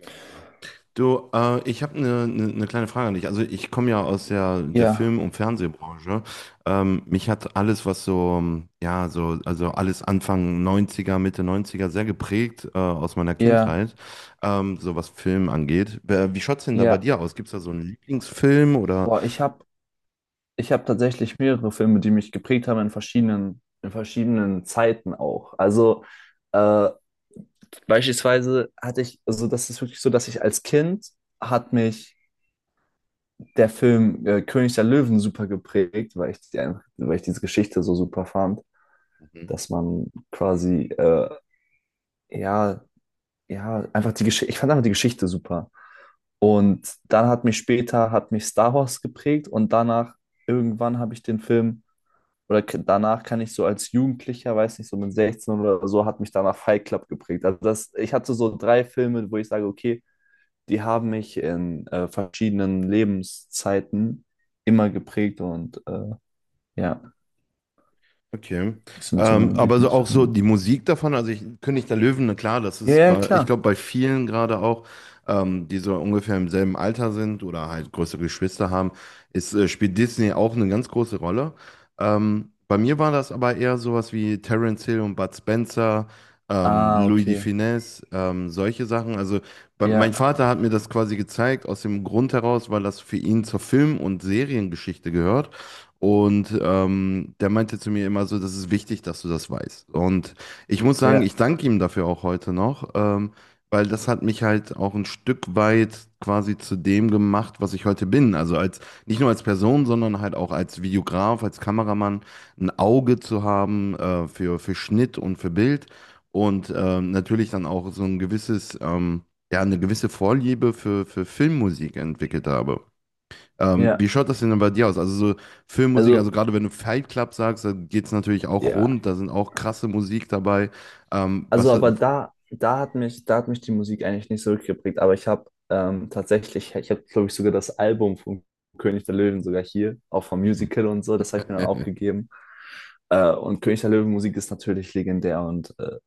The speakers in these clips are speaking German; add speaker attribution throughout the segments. Speaker 1: Mein Lieber. Du, ich habe eine kleine Frage an dich. Also ich komme ja aus der
Speaker 2: Ja,
Speaker 1: Film- und Fernsehbranche. Mich hat alles, was so, ja, so, also alles Anfang neunziger, Mitte neunziger sehr geprägt, aus meiner
Speaker 2: ja,
Speaker 1: Kindheit, so was Film angeht. Wie schaut's denn da bei
Speaker 2: ja.
Speaker 1: dir aus? Gibt's da so einen Lieblingsfilm oder?
Speaker 2: Boah, ich hab tatsächlich mehrere Filme, die mich geprägt haben in verschiedenen Zeiten auch. Also äh, beispielsweise hatte ich, also das ist wirklich so, dass ich als Kind hat mich der Film König der Löwen super geprägt, weil ich, die, weil ich diese Geschichte so super fand,
Speaker 1: Mhm.
Speaker 2: dass man quasi ja ja, einfach die Geschichte, ich fand einfach die Geschichte super. Und dann hat mich Star Wars geprägt und danach, irgendwann habe ich den Film, oder k- danach kann ich so als Jugendlicher, weiß nicht, so mit 16 oder so, hat mich danach Fight Club geprägt. Also das, ich hatte so drei Filme, wo ich sage, okay, die haben mich in verschiedenen Lebenszeiten immer geprägt und ja,
Speaker 1: Okay.
Speaker 2: das sind so meine
Speaker 1: Aber so auch so
Speaker 2: Lieblingsfilme.
Speaker 1: die Musik davon, also ich, König der Löwen, na klar, das
Speaker 2: Ja,
Speaker 1: ist
Speaker 2: ja,
Speaker 1: bei, ich
Speaker 2: klar.
Speaker 1: glaube, bei vielen gerade auch, die so ungefähr im selben Alter sind oder halt größere Geschwister haben, spielt Disney auch eine ganz große Rolle. Bei mir war das aber eher sowas wie Terence Hill und Bud Spencer,
Speaker 2: Ah,
Speaker 1: Louis de
Speaker 2: okay.
Speaker 1: Funès, solche Sachen. Also mein
Speaker 2: Ja,
Speaker 1: Vater hat mir das quasi gezeigt, aus dem Grund heraus, weil das für ihn zur Film- und Seriengeschichte gehört. Und der meinte zu mir immer so, das ist wichtig, dass du das weißt. Und ich muss sagen,
Speaker 2: ja,
Speaker 1: ich danke ihm dafür auch heute noch, weil das hat mich halt auch ein Stück weit quasi zu dem gemacht, was ich heute bin. Also als Nicht nur als Person, sondern halt auch als Videograf, als Kameramann, ein Auge zu haben für Schnitt und für Bild und natürlich dann auch so ein gewisses, ja, eine gewisse Vorliebe für Filmmusik entwickelt habe.
Speaker 2: ja.
Speaker 1: Wie schaut das denn dann bei dir aus? Also so Filmmusik, also
Speaker 2: Also,
Speaker 1: gerade wenn du Fight Club sagst, dann geht es natürlich auch
Speaker 2: ja.
Speaker 1: rund, da sind auch krasse Musik dabei.
Speaker 2: Also,
Speaker 1: Was hat.
Speaker 2: aber da hat mich die Musik eigentlich nicht so geprägt. Aber ich habe tatsächlich, ich habe, glaube ich, sogar das Album von König der Löwen sogar hier, auch vom Musical und so, das habe ich mir dann auch gegeben. Und König der Löwen Musik ist natürlich legendär und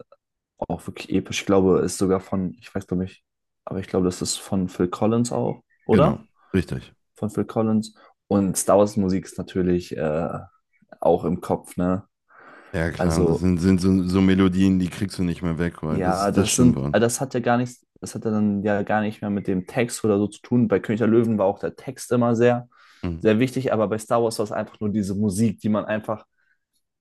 Speaker 2: auch wirklich episch. Ich glaube, ist sogar von, ich weiß, glaube ich, aber ich glaube, das ist von Phil Collins auch, oder?
Speaker 1: Genau, richtig.
Speaker 2: Von Phil Collins. Und Star Wars Musik ist natürlich auch im Kopf, ne?
Speaker 1: Ja klar, das
Speaker 2: Also
Speaker 1: sind so, so Melodien, die kriegst du nicht mehr weg, weil
Speaker 2: ja,
Speaker 1: das
Speaker 2: das
Speaker 1: stimmt
Speaker 2: sind,
Speaker 1: wohl.
Speaker 2: das hat ja dann ja gar nicht mehr mit dem Text oder so zu tun. Bei König der Löwen war auch der Text immer sehr,
Speaker 1: Mhm.
Speaker 2: sehr wichtig, aber bei Star Wars war es einfach nur diese Musik, die man einfach,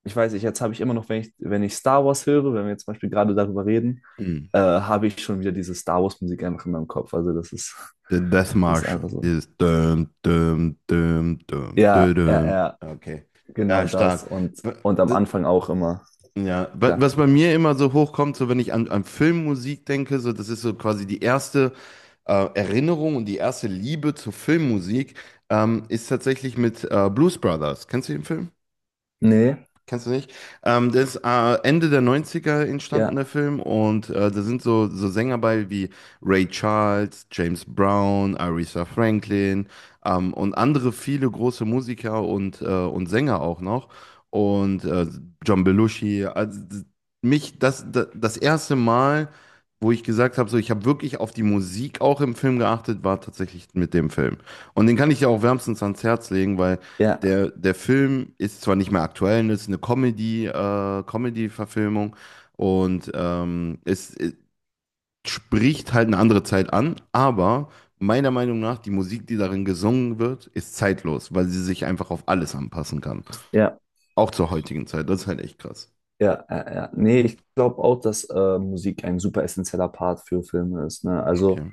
Speaker 2: ich weiß nicht, jetzt habe ich immer noch, wenn ich, wenn ich Star Wars höre, wenn wir jetzt zum Beispiel gerade darüber reden,
Speaker 1: Mhm.
Speaker 2: habe ich schon wieder diese Star Wars Musik einfach in meinem Kopf. Also das ist,
Speaker 1: Der Death
Speaker 2: das ist
Speaker 1: March,
Speaker 2: einfach so.
Speaker 1: dieses düm, düm, düm, düm, düm,
Speaker 2: Ja, ja,
Speaker 1: düm.
Speaker 2: ja,
Speaker 1: Okay.
Speaker 2: genau
Speaker 1: Ja,
Speaker 2: das.
Speaker 1: stark. W-
Speaker 2: Und am
Speaker 1: d-
Speaker 2: Anfang auch immer,
Speaker 1: Ja,
Speaker 2: klar.
Speaker 1: was bei mir immer so hochkommt, so wenn ich an, an Filmmusik denke, so das ist so quasi die erste Erinnerung und die erste Liebe zur Filmmusik ist tatsächlich mit Blues Brothers. Kennst du den Film?
Speaker 2: Nee,
Speaker 1: Kennst du nicht? Das ist Ende der Neunziger er entstanden, der
Speaker 2: ja,
Speaker 1: Film. Und da sind so, so Sänger bei wie Ray Charles, James Brown, Aretha Franklin, und andere viele große Musiker und Sänger auch noch. Und John Belushi. Also, mich das, das erste Mal, wo ich gesagt habe, so, ich habe wirklich auf die Musik auch im Film geachtet, war tatsächlich mit dem Film. Und den kann ich ja auch wärmstens ans Herz legen, weil.
Speaker 2: ja,
Speaker 1: Der Film ist zwar nicht mehr aktuell, das ist eine Comedy-Verfilmung und spricht halt eine andere Zeit an, aber meiner Meinung nach, die Musik, die darin gesungen wird, ist zeitlos, weil sie sich einfach auf alles anpassen kann.
Speaker 2: ja.
Speaker 1: Auch zur heutigen Zeit. Das ist halt echt krass.
Speaker 2: Ja, ja, ja. Nee, ich glaube auch, dass Musik ein super essentieller Part für Filme ist, ne? Also
Speaker 1: Okay.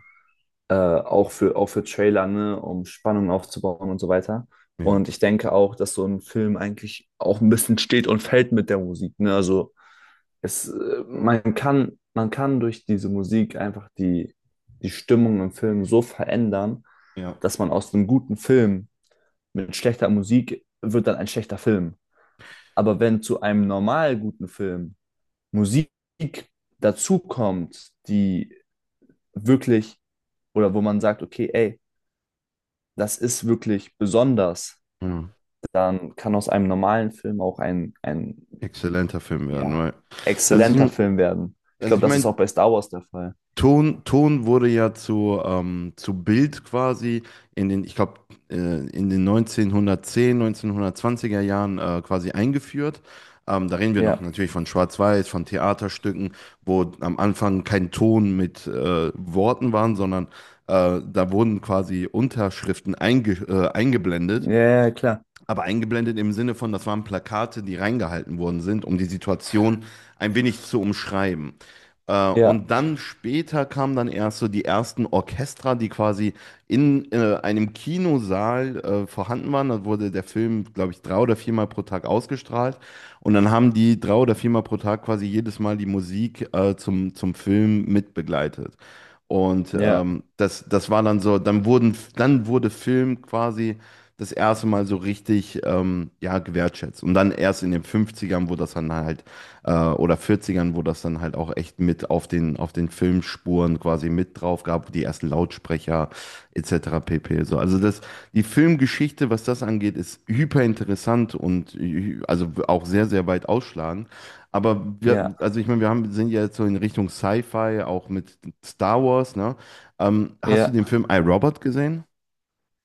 Speaker 2: auch für Trailer, ne? Um Spannung aufzubauen und so weiter.
Speaker 1: Ja.
Speaker 2: Und ich denke auch, dass so ein Film eigentlich auch ein bisschen steht und fällt mit der Musik, ne? Also es, man kann durch diese Musik einfach die, die Stimmung im Film so verändern,
Speaker 1: Ja.
Speaker 2: dass man aus einem guten Film mit schlechter Musik wird dann ein schlechter Film. Aber wenn zu einem normal guten Film Musik dazu kommt, die wirklich oder wo man sagt, okay, ey, das ist wirklich besonders,
Speaker 1: Ja.
Speaker 2: dann kann aus einem normalen Film auch ein
Speaker 1: Exzellenter Film werden,
Speaker 2: ja,
Speaker 1: weil. Also
Speaker 2: exzellenter
Speaker 1: ich,
Speaker 2: Film werden. Ich
Speaker 1: also
Speaker 2: glaube,
Speaker 1: ich
Speaker 2: das ist
Speaker 1: meine,
Speaker 2: auch bei Star Wars der Fall.
Speaker 1: Ton wurde ja zu Bild quasi in den, ich glaube, äh, in den 1910, 1920er Jahren quasi eingeführt. Da reden wir noch
Speaker 2: Ja,
Speaker 1: natürlich von Schwarz-Weiß, von Theaterstücken, wo am Anfang kein Ton mit Worten waren, sondern da wurden quasi Unterschriften eingeblendet,
Speaker 2: ja, ja, klar.
Speaker 1: aber eingeblendet im Sinne von, das waren Plakate, die reingehalten worden sind, um die Situation ein wenig zu umschreiben.
Speaker 2: Ja,
Speaker 1: Und dann später kamen dann erst so die ersten Orchester, die quasi in einem Kinosaal vorhanden waren. Da wurde der Film, glaube ich, drei oder viermal pro Tag ausgestrahlt. Und dann haben die drei oder viermal pro Tag quasi jedes Mal die Musik zum, zum Film mitbegleitet. Und
Speaker 2: ja,
Speaker 1: das war dann so, dann wurde Film quasi das erste Mal so richtig, ja, gewertschätzt. Und dann erst in den Fünfzigern, wo das dann halt, oder Vierzigern, wo das dann halt auch echt mit auf den Filmspuren quasi mit drauf gab, die ersten Lautsprecher etc. pp. So. Also das, die Filmgeschichte, was das angeht, ist hyper interessant und also auch sehr, sehr weit ausschlagend.
Speaker 2: ja,
Speaker 1: Also ich meine, sind ja jetzt so in Richtung Sci-Fi, auch mit Star Wars, ne? Hast du
Speaker 2: ja,
Speaker 1: den Film I, Robot gesehen?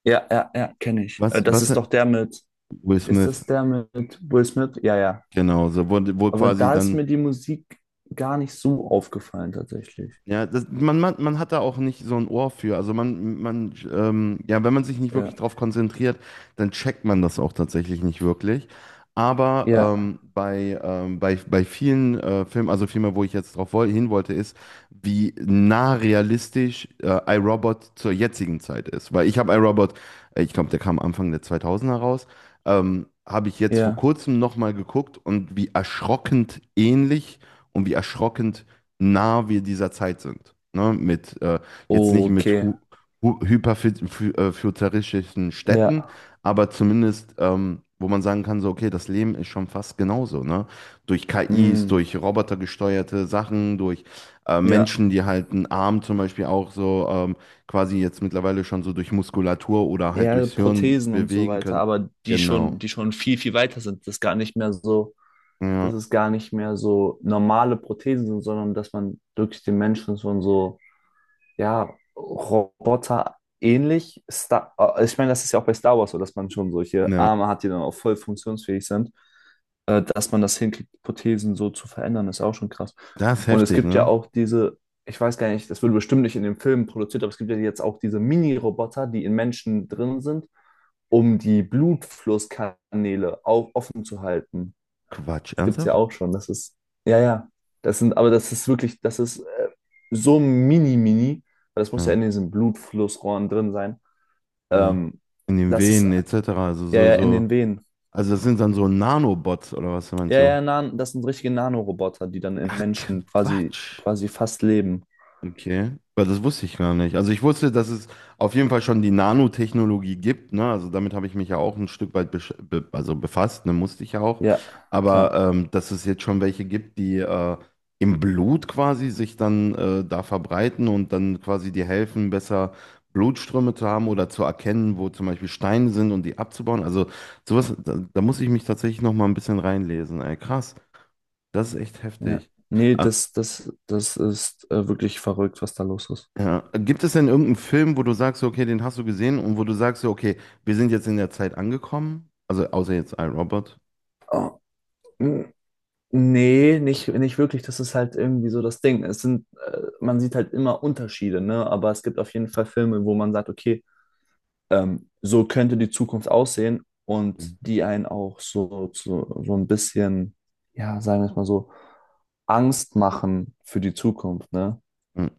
Speaker 2: ja, ja, ja, kenne ich.
Speaker 1: Was,
Speaker 2: Das
Speaker 1: was,
Speaker 2: ist doch der mit,
Speaker 1: Will
Speaker 2: ist
Speaker 1: Smith.
Speaker 2: das der mit Will Smith? Ja, ja.
Speaker 1: Genau, so, wo
Speaker 2: Aber
Speaker 1: quasi
Speaker 2: da ist
Speaker 1: dann.
Speaker 2: mir die Musik gar nicht so aufgefallen, tatsächlich.
Speaker 1: Ja, das, man hat da auch nicht so ein Ohr für. Also, ja, wenn man sich nicht
Speaker 2: Ja,
Speaker 1: wirklich drauf konzentriert, dann checkt man das auch tatsächlich nicht wirklich. Aber
Speaker 2: ja,
Speaker 1: bei vielen Filmen, also vielmehr, wo ich jetzt drauf woll hin wollte, ist, wie nah realistisch iRobot zur jetzigen Zeit ist. Weil ich habe iRobot, ich glaube, der kam Anfang der 2000er raus, habe ich jetzt vor
Speaker 2: ja.
Speaker 1: kurzem nochmal geguckt und wie erschrockend ähnlich und wie erschrockend nah wir dieser Zeit sind. Ne? Jetzt nicht mit
Speaker 2: Okay.
Speaker 1: hu hu hyperfuturistischen Städten,
Speaker 2: Ja,
Speaker 1: aber zumindest, wo man sagen kann, so, okay, das Leben ist schon fast genauso. Ne? Durch KIs,
Speaker 2: hm.
Speaker 1: durch robotergesteuerte Sachen, durch
Speaker 2: Ja.
Speaker 1: Menschen, die halt einen Arm zum Beispiel auch so, quasi jetzt mittlerweile schon so durch Muskulatur oder halt
Speaker 2: Ja,
Speaker 1: durchs Hirn
Speaker 2: Prothesen und so
Speaker 1: bewegen
Speaker 2: weiter,
Speaker 1: können.
Speaker 2: aber
Speaker 1: Genau.
Speaker 2: die schon viel, viel weiter sind. Das ist gar nicht mehr so,
Speaker 1: Ja,
Speaker 2: dass es gar nicht mehr so normale Prothesen sind, sondern dass man wirklich den Menschen schon so ja, Roboter ähnlich. Star ich meine, das ist ja auch bei Star Wars so, dass man schon solche
Speaker 1: ja.
Speaker 2: Arme hat, die dann auch voll funktionsfähig sind. Dass man das hinkriegt, Prothesen so zu verändern, ist auch schon krass.
Speaker 1: Das ist
Speaker 2: Und es
Speaker 1: heftig,
Speaker 2: gibt ja
Speaker 1: ne?
Speaker 2: auch diese, ich weiß gar nicht, das wurde bestimmt nicht in dem Film produziert, aber es gibt ja jetzt auch diese Mini-Roboter, die in Menschen drin sind, um die Blutflusskanäle auch offen zu halten.
Speaker 1: Quatsch,
Speaker 2: Das gibt es ja
Speaker 1: ernsthaft?
Speaker 2: auch schon. Das ist, ja, ja. Das sind, aber das ist wirklich, das ist so mini, mini, weil das muss ja
Speaker 1: Ja.
Speaker 2: in diesen Blutflussrohren drin sein.
Speaker 1: Ja.
Speaker 2: Ähm,
Speaker 1: In den
Speaker 2: Das ist,
Speaker 1: Venen etc. Also
Speaker 2: ja,
Speaker 1: so,
Speaker 2: ja, in den Venen.
Speaker 1: also das sind dann so Nanobots oder was meinst du?
Speaker 2: Das sind richtige Nanoroboter, die dann im
Speaker 1: Ach,
Speaker 2: Menschen quasi,
Speaker 1: Quatsch.
Speaker 2: quasi fast leben.
Speaker 1: Okay, weil das wusste ich gar nicht. Also ich wusste, dass es auf jeden Fall schon die Nanotechnologie gibt, ne? Also damit habe ich mich ja auch ein Stück weit besch be also befasst, ne? Musste ich ja auch.
Speaker 2: Ja, klar.
Speaker 1: Aber dass es jetzt schon welche gibt, die im Blut quasi sich dann da verbreiten und dann quasi dir helfen, besser Blutströme zu haben oder zu erkennen, wo zum Beispiel Steine sind und die abzubauen. Also sowas, da muss ich mich tatsächlich noch mal ein bisschen reinlesen. Ey, krass, das ist echt
Speaker 2: Ja.
Speaker 1: heftig.
Speaker 2: Nee,
Speaker 1: Ah,
Speaker 2: das, das, das ist wirklich verrückt, was da los ist.
Speaker 1: ja. Gibt es denn irgendeinen Film, wo du sagst, okay, den hast du gesehen und wo du sagst, so, okay, wir sind jetzt in der Zeit angekommen? Also außer jetzt iRobot.
Speaker 2: Oh. Mm. Nee, nicht, nicht wirklich. Das ist halt irgendwie so das Ding. Es sind, man sieht halt immer Unterschiede, ne? Aber es gibt auf jeden Fall Filme, wo man sagt, okay, so könnte die Zukunft aussehen und
Speaker 1: Mhm.
Speaker 2: die einen auch so, so, so ein bisschen, ja, sagen wir es mal so, Angst machen für die Zukunft, ne?
Speaker 1: Mhm.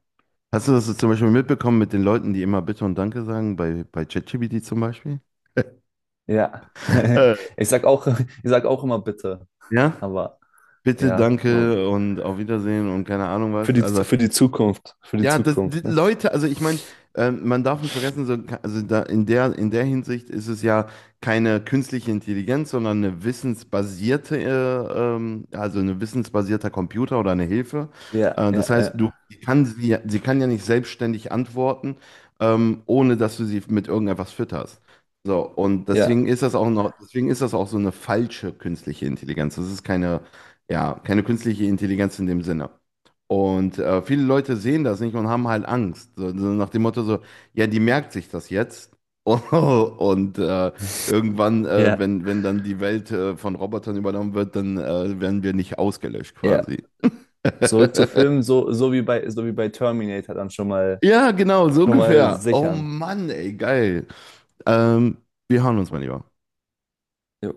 Speaker 1: Hast du das zum Beispiel mitbekommen mit den Leuten, die immer Bitte und Danke sagen, bei ChatGPT zum Beispiel?
Speaker 2: Ja.
Speaker 1: Äh,
Speaker 2: Ich sag auch immer bitte,
Speaker 1: ja,
Speaker 2: aber
Speaker 1: bitte,
Speaker 2: ja. Hm.
Speaker 1: danke und auf Wiedersehen und keine Ahnung was. Also
Speaker 2: Für die
Speaker 1: ja, das, die
Speaker 2: Zukunft, ne?
Speaker 1: Leute, also ich meine, man darf nicht vergessen, so, also da in der Hinsicht ist es ja keine künstliche Intelligenz, sondern eine wissensbasierte, also ein wissensbasierter Computer oder eine Hilfe.
Speaker 2: Ja, ja,
Speaker 1: Das heißt,
Speaker 2: ja,
Speaker 1: du sie kann sie, ja- sie kann ja nicht selbstständig antworten, ohne dass du sie mit irgendetwas fütterst. So, und
Speaker 2: ja,
Speaker 1: deswegen ist das auch so eine falsche künstliche Intelligenz. Das ist keine künstliche Intelligenz in dem Sinne. Und viele Leute sehen das nicht und haben halt Angst. So, so nach dem Motto so, ja, die merkt sich das jetzt. Und irgendwann,
Speaker 2: ja.
Speaker 1: wenn dann die Welt von Robotern übernommen wird, dann werden wir nicht ausgelöscht
Speaker 2: Ja.
Speaker 1: quasi.
Speaker 2: Zurück zu Filmen, so, so wie bei Terminator dann
Speaker 1: Ja, genau, so
Speaker 2: schon mal
Speaker 1: ungefähr. Oh
Speaker 2: sichern.
Speaker 1: Mann, ey, geil. Ähm, Wir hören uns mal lieber.
Speaker 2: Jo.